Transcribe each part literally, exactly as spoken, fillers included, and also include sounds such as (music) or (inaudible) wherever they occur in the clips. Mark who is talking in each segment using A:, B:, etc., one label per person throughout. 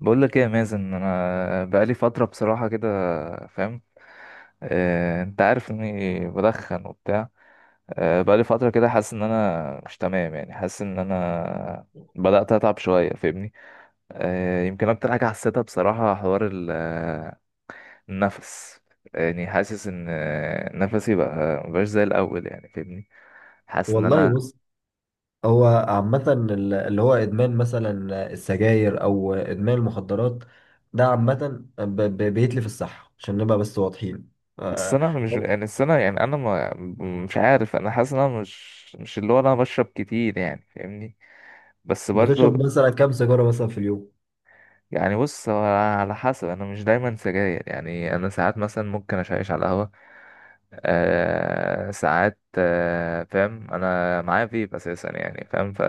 A: بقول لك ايه يا مازن، انا بقالي فتره بصراحه كده. فاهم؟ آه، انت عارف اني بدخن وبتاع. آه، بقالي فتره كده حاسس ان انا مش تمام، يعني حاسس ان انا بدات اتعب شويه. فاهمني؟ آه، يمكن اكتر حاجه حسيتها بصراحه حوار ال- آه، النفس. يعني حاسس ان آه، نفسي بقى مبقاش زي الاول، يعني فاهمني. حاسس ان
B: والله
A: انا،
B: بص، هو عامة ال- اللي هو إدمان مثلا السجاير أو إدمان المخدرات، ده عامة ب- ب- بيتلف الصحة عشان نبقى بس واضحين.
A: بس
B: آه،
A: انا مش، يعني السنه، يعني انا ما مش عارف، انا حاسس ان انا مش مش اللي هو انا بشرب كتير، يعني فاهمني. بس
B: بتشرب
A: برضو،
B: مثلا كام سيجارة مثلا في اليوم؟
A: يعني بص هو على حسب، انا مش دايما سجاير، يعني انا ساعات مثلا ممكن اشيش على القهوة. آه ساعات، آه فاهم، انا معايا فيب اساسا يعني، فاهم؟ ف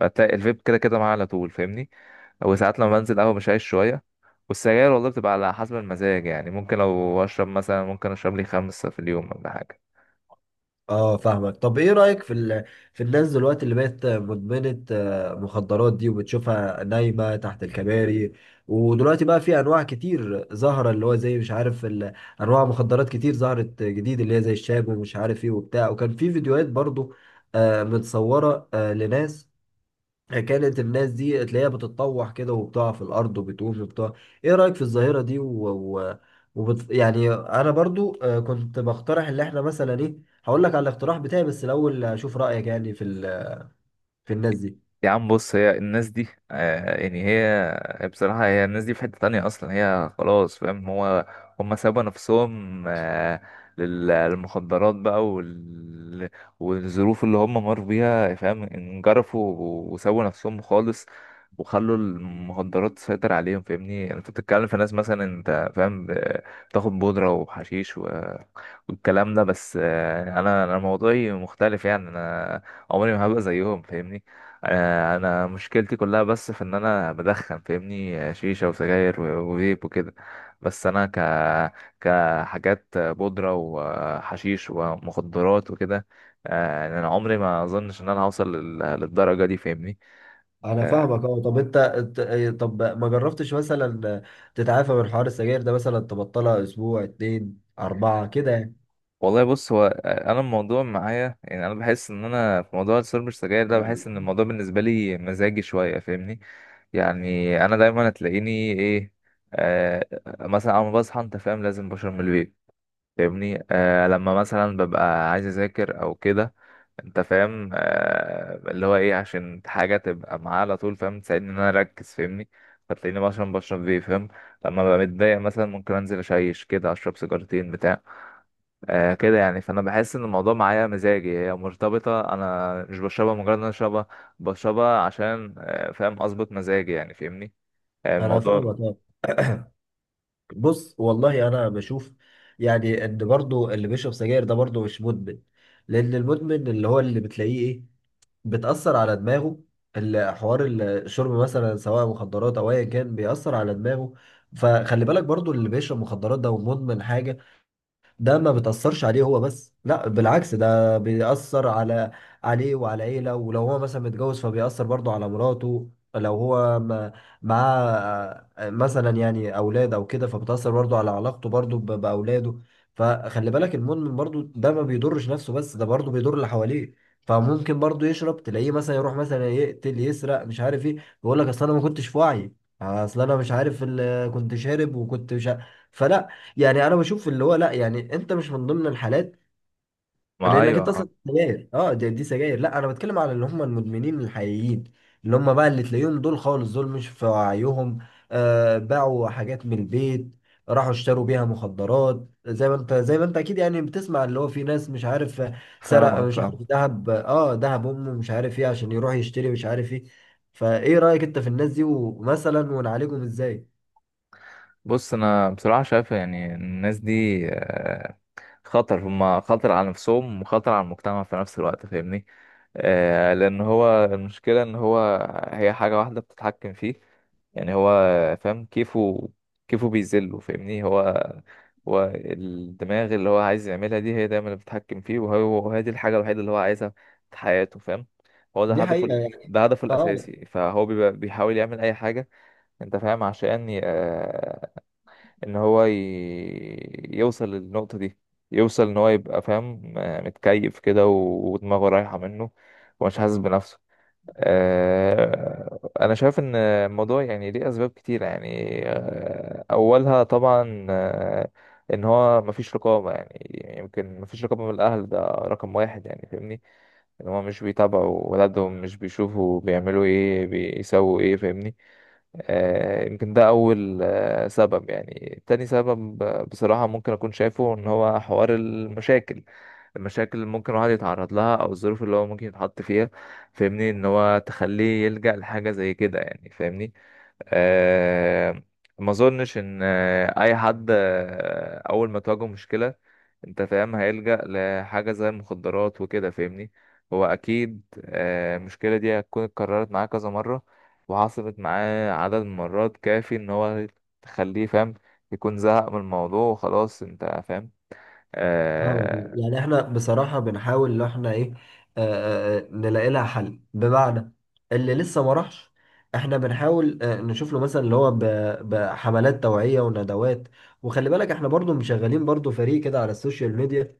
A: فبتلاقي الفيب كده كده معايا على طول. فاهمني؟ وساعات لما بنزل قهوة بشيش شوية. والسجاير والله بتبقى على حسب المزاج، يعني ممكن لو اشرب مثلا، ممكن اشرب لي خمسة في اليوم ولا حاجة.
B: اه فاهمك. طب ايه رأيك في ال... في الناس دلوقتي اللي بقت مدمنة آه، مخدرات دي، وبتشوفها نايمة تحت الكباري؟ ودلوقتي بقى في انواع كتير ظاهرة، اللي هو زي مش عارف ال... انواع مخدرات كتير ظهرت جديد، اللي هي زي الشاب ومش عارف ايه وبتاع، وكان في فيديوهات برضو آه، متصورة آه، لناس، كانت الناس دي تلاقيها بتتطوح كده وبتقع في الارض وبتقوم وبتاع. ايه رايك في الظاهره دي و... و... وبت... يعني انا برضو آه، كنت بقترح اللي احنا مثلا ايه. هقول لك على الاقتراح بتاعي بس الاول اشوف رايك يعني في ال... في الناس دي.
A: يا عم بص، هي الناس دي آه، يعني هي بصراحة، هي الناس دي في حتة تانية أصلا. هي خلاص، فاهم؟ هو هم سابوا نفسهم، آه، لل- للمخدرات بقى وال... والظروف اللي هم مروا بيها، فاهم؟ انجرفوا وسابوا نفسهم خالص، وخلوا المخدرات تسيطر عليهم. فاهمني؟ يعني انت بتتكلم في ناس مثلا، انت فاهم، ب- بتاخد بودرة وحشيش والكلام ده. بس آه، انا انا موضوعي مختلف، يعني انا عمري ما هبقى زيهم. فاهمني؟ آه، انا مشكلتي كلها بس في ان انا بدخن. فاهمني؟ آه، شيشة وسجاير و- وفيب وكده. بس انا ك كحاجات آه، بودرة وحشيش ومخدرات وكده، آه، يعني انا عمري ما اظنش ان انا هوصل لل- للدرجة دي. فاهمني؟
B: انا
A: آه،
B: فاهمك. اه طب انت أنت- آه، طب ما جربتش مثلا تتعافى من حوار السجاير ده، مثلا تبطلها اسبوع، اتنين، اربعه كده يعني؟
A: والله بص، هو انا الموضوع معايا، يعني انا بحس ان انا في موضوع السيرب السجاير ده، بحس ان الموضوع بالنسبه لي مزاجي شويه. فاهمني؟ يعني انا دايما هتلاقيني ايه، آه، مثلا اول ما بصحى انت فاهم لازم بشرب من الفيب. فاهمني؟ آه لما مثلا ببقى عايز اذاكر او كده، انت فاهم، آه اللي هو ايه، عشان حاجه تبقى معايا على طول، فاهم؟ تساعدني ان انا اركز. فاهمني؟ فتلاقيني مثلا بشرب فيب، فاهم؟ لما ببقى متضايق مثلا ممكن انزل اشيش كده، اشرب سيجارتين بتاع. آه كده يعني. فانا بحس ان الموضوع معايا مزاجي، هي مرتبطه. انا مش بشربها مجرد ان انا اشربها، بشربها عشان آه، فاهم، اظبط مزاجي يعني. فاهمني؟ آه
B: انا
A: الموضوع.
B: فاهمك آه. بص، والله انا بشوف يعني ان برضو اللي بيشرب سجاير ده برضو مش مدمن، لان المدمن اللي هو اللي بتلاقيه ايه، بتأثر على دماغه. ال- حوار الشرب مثلا، سواء مخدرات او ايا كان، بيأثر على دماغه. فخلي بالك برضو اللي بيشرب مخدرات ده ومدمن حاجة، ده ما بتأثرش عليه هو بس، لا بالعكس، ده بيأثر على عليه وعلى عيلة. ولو هو مثلا متجوز، فبيأثر برضه على مراته. لو هو ما- معاه آه، مثلا يعني أولاد أو كده، فبتأثر برضه على علاقته برضه ب- بأولاده. فخلي بالك المدمن برضه ده ما بيضرش نفسه بس، ده برضه بيضر اللي حواليه. فممكن برضه يشرب، تلاقيه مثلا يروح مثلا يقتل، يسرق، مش عارف ايه، يقول لك اصل انا ما كنتش في وعي، اصل انا مش عارف ال- كنت شارب وكنت مش عارف. فلا، يعني انا بشوف اللي هو لا، يعني انت مش من ضمن الحالات،
A: ما
B: لانك
A: ايوه،
B: انت
A: آه،
B: اصلا سجاير، اه دي، دي سجاير. لا انا بتكلم على اللي هم المدمنين الحقيقيين، اللي هم بقى اللي تلاقيهم دول خالص دول مش في وعيهم. آه، باعوا حاجات من البيت، راحوا اشتروا بيها مخدرات، زي ما انت، زي ما انت اكيد يعني بتسمع اللي هو في ناس مش عارف سرق،
A: فاهمك
B: مش
A: فاهمك.
B: عارف ذهب، اه ذهب امه، مش عارف ايه، عشان يروح يشتري مش عارف ايه. فايه رايك انت في الناس دي، ومثلا ونعالجهم ازاي؟
A: بص انا بصراحه شايف، يعني الناس دي آه، خطر، هما خطر على نفسهم وخطر على المجتمع في نفس الوقت. فاهمني؟ آه، لان هو المشكله ان هو هي حاجه واحده بتتحكم فيه، يعني هو فاهم، كيفه كيفه بيذله. فاهمني؟ هو هو الدماغ، اللي هو عايز يعملها دي، هي دايما اللي بتتحكم فيه. وهو وهي دي الحاجه الوحيده اللي هو عايزها في حياته، فاهم؟ هو ده
B: دي
A: هدفه
B: حقيقة
A: ال-
B: يعني.
A: ده هدفه
B: اه
A: الاساسي. فهو بيبقى بيحاول يعمل اي حاجه، انت فاهم، عشان ان هو ي... يوصل للنقطة دي، يوصل ان هو يبقى فاهم، آه، متكيف كده و- ودماغه رايحة منه ومش حاسس بنفسه. آه، انا شايف ان الموضوع يعني ليه اسباب كتيرة يعني، آه، اولها طبعا آه، ان هو مفيش رقابة، يعني يمكن مفيش رقابة من الاهل، ده رقم واحد يعني. فاهمني؟ ان هما مش بيتابعوا ولادهم، مش بيشوفوا بيعملوا ايه، بيسووا ايه. فاهمني؟ آه، يمكن ده اول آه، سبب يعني. تاني سبب آه، بصراحة، ممكن اكون شايفه ان هو حوار المشاكل، المشاكل اللي ممكن الواحد يتعرض لها، او الظروف اللي هو ممكن يتحط فيها. فاهمني؟ ان هو تخليه يلجأ لحاجة زي كده يعني. فاهمني؟ آه، ما اظنش ان آه، اي حد آه، اول ما تواجهه مشكلة، انت فاهم، هيلجأ لحاجة زي المخدرات وكده. فاهمني؟ هو اكيد آه، المشكلة دي هتكون اتكررت معاه كذا مرة، وحصلت معاه عدد من مرات كافي ان هو، تخليه فاهم، يكون زهق من الموضوع وخلاص، انت فاهم.
B: اه، يعني
A: اه.
B: يعني احنا بصراحة بنحاول ان احنا ايه، آه آه، آه، نلاقي لها حل، بمعنى اللي لسه ما راحش. احنا بنحاول آه نشوف له مثلا اللي هو ب- بحملات توعية وندوات. وخلي بالك احنا برضو مشغلين برضو فريق كده على السوشيال ميديا،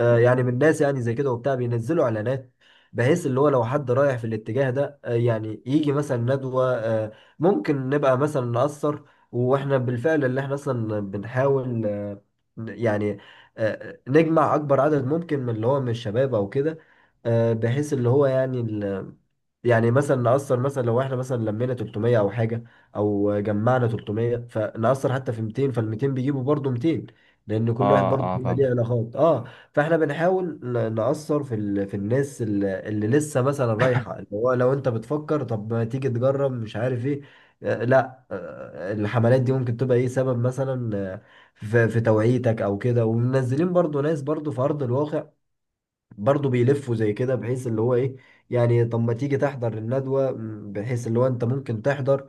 B: آه، يعني من الناس يعني زي كده وبتاع، بينزلوا اعلانات، بحيث اللي هو لو حد رايح في الاتجاه ده آه، يعني يجي مثلا ندوة، آه، ممكن نبقى مثلا نأثر. واحنا بالفعل اللي احنا اصلا بنحاول آه، ن- يعني آه، آه، نجمع اكبر عدد ممكن من اللي هو من الشباب او كده، آه، بحيث اللي هو يعني يعني مثلا نأثر. مثلا لو احنا مثلا لمينا تلتمية او حاجه، او جمعنا تلتمية، فنأثر حتى في ميتين، فال ميتين بيجيبوا برضه ميتين، لان كل واحد
A: اه,
B: برضه
A: آه
B: بيبقى ليه
A: فاهم.
B: علاقات. اه، فاحنا بنحاول ن- نأثر في ال... في الناس اللي, اللي لسه مثلا رايحه، اللي هو لو انت بتفكر طب ما تيجي تجرب مش عارف ايه، آه لا آه الحملات دي ممكن تبقى ايه سبب مثلا آه، في, في توعيتك او كده. ومنزلين برضه ناس برضه في ارض الواقع، برضه بيلفوا زي كده، بحيث اللي هو ايه يعني طب ما تيجي تحضر الندوة، م، بحيث اللي هو انت ممكن تحضر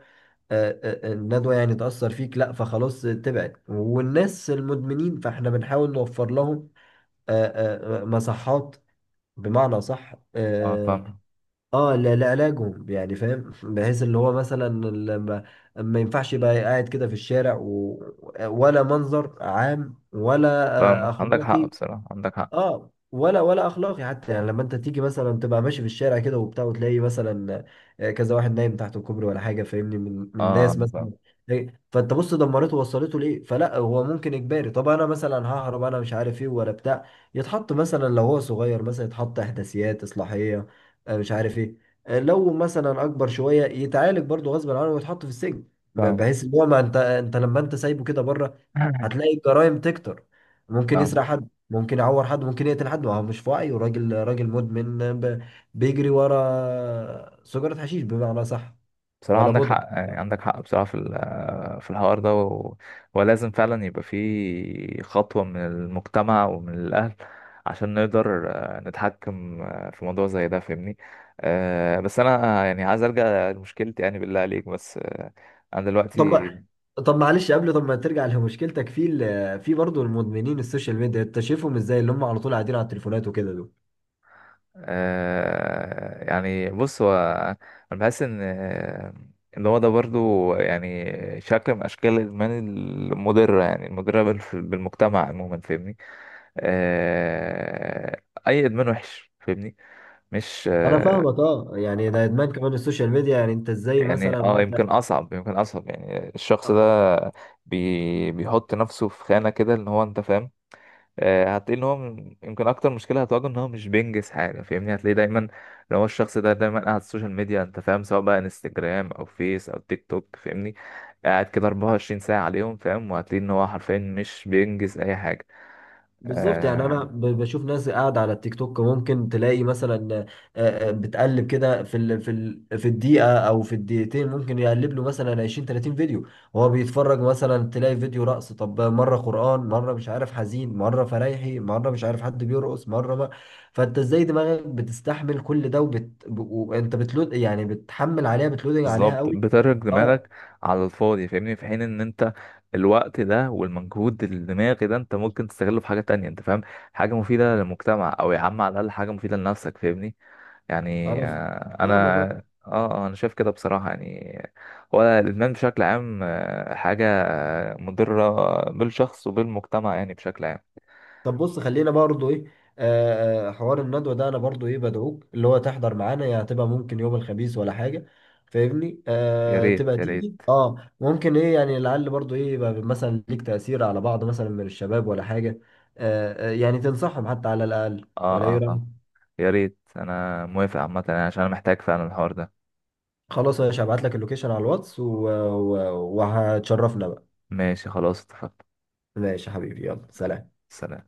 B: آه، آه، آه، الندوة، يعني تأثر فيك، لا فخلاص تبعد. والناس المدمنين فاحنا بنحاول نوفر لهم آه، آه، آه، مصحات، بمعنى صح،
A: اه
B: اه
A: فاهم.
B: آه، ل- لعلاجهم يعني فاهم، بحيث اللي هو مثلا ال- ما ما ينفعش يبقى قاعد كده في الشارع، و... ولا منظر عام، ولا آه،
A: فاهمك. عندك حق
B: اخلاقي.
A: بصراحة، عندك حق.
B: اه ولا ولا اخلاقي حتى، يعني لما انت تيجي مثلا تبقى ماشي في الشارع كده وبتاع، وتلاقي مثلا آه، كذا واحد نايم تحت الكوبري ولا حاجه فاهمني، من من
A: اه
B: ناس مثلا،
A: فاهم.
B: إيه، فانت بص دمرته ووصلته ليه. فلا، هو ممكن اجباري، طب انا مثلا ههرب انا مش عارف ايه ولا بتاع، يتحط مثلا، لو هو صغير مثلا يتحط احداثيات اصلاحيه، آه، مش عارف ايه. آه، لو مثلا اكبر شويه، يتعالج برضه غصب عنه ويتحط في السجن، ب-
A: فاهم.
B: بحيث ان هو، ما انت انت لما انت سايبه كده بره،
A: (laughs)
B: هتلاقي الجرائم تكتر. ممكن يسرق
A: فاهم.
B: حد، ممكن يعور حد، ممكن يقتل حد، ما هو مش في وعيه، راجل، راجل مدمن ب- بيجري ورا سجارة حشيش، بمعنى صح،
A: بصراحة
B: ولا
A: عندك
B: مدمن.
A: حق، يعني عندك حق بصراحة في ال- في الحوار ده، و- ولازم فعلا يبقى في خطوة من المجتمع ومن الأهل عشان نقدر آه، نتحكم آه، في موضوع زي ده. فاهمني؟ آه، بس أنا آه، يعني عايز أرجع لمشكلتي يعني بالله عليك، بس آه، أنا دلوقتي.
B: طب طب معلش، قبل طب ما ترجع لمشكلتك، في ال- في برضه المدمنين السوشيال ميديا، انت شايفهم ازاي اللي هم على طول قاعدين على التليفونات وكده دول؟
A: آه يعني بص، هو انا بحس ان آه، ان هو ده برضو، يعني شكل من اشكال الادمان المضره، يعني المضره بال- بالمجتمع عموما. فاهمني؟ آه، اي ادمان وحش. فاهمني؟ مش
B: انا
A: آه.
B: فاهمك. اه يعني ده ادمان كمان السوشيال ميديا. يعني انت ازاي
A: يعني
B: مثلا
A: اه، يمكن
B: وانت،
A: اصعب، يمكن اصعب يعني الشخص ده، بي بيحط نفسه في خانه كده ان هو انت فاهم. آه، هتلاقي ان هو من- يمكن اكتر مشكله هتواجهه ان هو مش بينجز حاجه. فاهمني؟ هتلاقيه دايما، لو هو الشخص ده دايما قاعد على السوشيال ميديا، انت فاهم، سواء بقى انستجرام او فيس او تيك توك. فاهمني؟ قاعد كده أربعة وعشرين ساعه عليهم، فاهم؟ وهتلاقي ان هو حرفيا مش بينجز اي حاجه.
B: بالظبط. يعني
A: آه
B: انا ب- بشوف ناس قاعده على التيك توك، ممكن تلاقي مثلا آه، آه، بتقلب كده في ال في ال في الدقيقه او في الدقيقتين، ممكن يقلب له مثلا عشرين تلاتين فيديو، وهو بيتفرج، مثلا تلاقي فيديو رقص، طب مره قران، مره مش عارف حزين، مره فرايحي، مره مش عارف حد بيرقص، مره ما، فانت ازاي دماغك بتستحمل كل ده؟ وبت ب- وانت بتلود، يعني بتحمل عليها، بتلودنج عليها
A: بالظبط،
B: قوي.
A: بترك
B: اه
A: دماغك على الفاضي. فاهمني؟ في حين ان انت، الوقت ده والمجهود الدماغي ده، انت ممكن تستغله في حاجه تانية، انت فاهم، حاجه مفيده للمجتمع، او يا عم على الاقل حاجه مفيده لنفسك. فاهمني؟ يعني
B: انا ف-
A: آه،
B: فاهمك
A: انا.
B: آه.
A: اه، آه، انا شايف كده بصراحة، يعني هو الادمان بشكل عام آه، حاجة آه، مضرة بالشخص وبالمجتمع يعني بشكل عام.
B: طب بص، خلينا برضو ايه، آه آه، حوار الندوة ده، انا برضو ايه بدعوك اللي هو تحضر معانا، يعني هتبقى ممكن يوم الخميس ولا حاجة فاهمني،
A: يا
B: آه
A: ريت
B: تبقى
A: يا ريت.
B: تيجي، اه ممكن ايه يعني، لعل برضو ايه يبقى مثلا ليك تأثير على بعض مثلا من الشباب ولا حاجة. آه آه، يعني تنصحهم حتى على الأقل،
A: اه
B: ولا ايه
A: اه
B: رأيك؟
A: اه يا ريت، انا موافق عامة يعني، عشان انا محتاج فعلا الحوار ده.
B: خلاص يا باشا، هبعت لك اللوكيشن على الواتس، و- و- وهتشرفنا بقى.
A: ماشي خلاص اتفقنا.
B: ماشي يا حبيبي، يلا سلام.
A: سلام.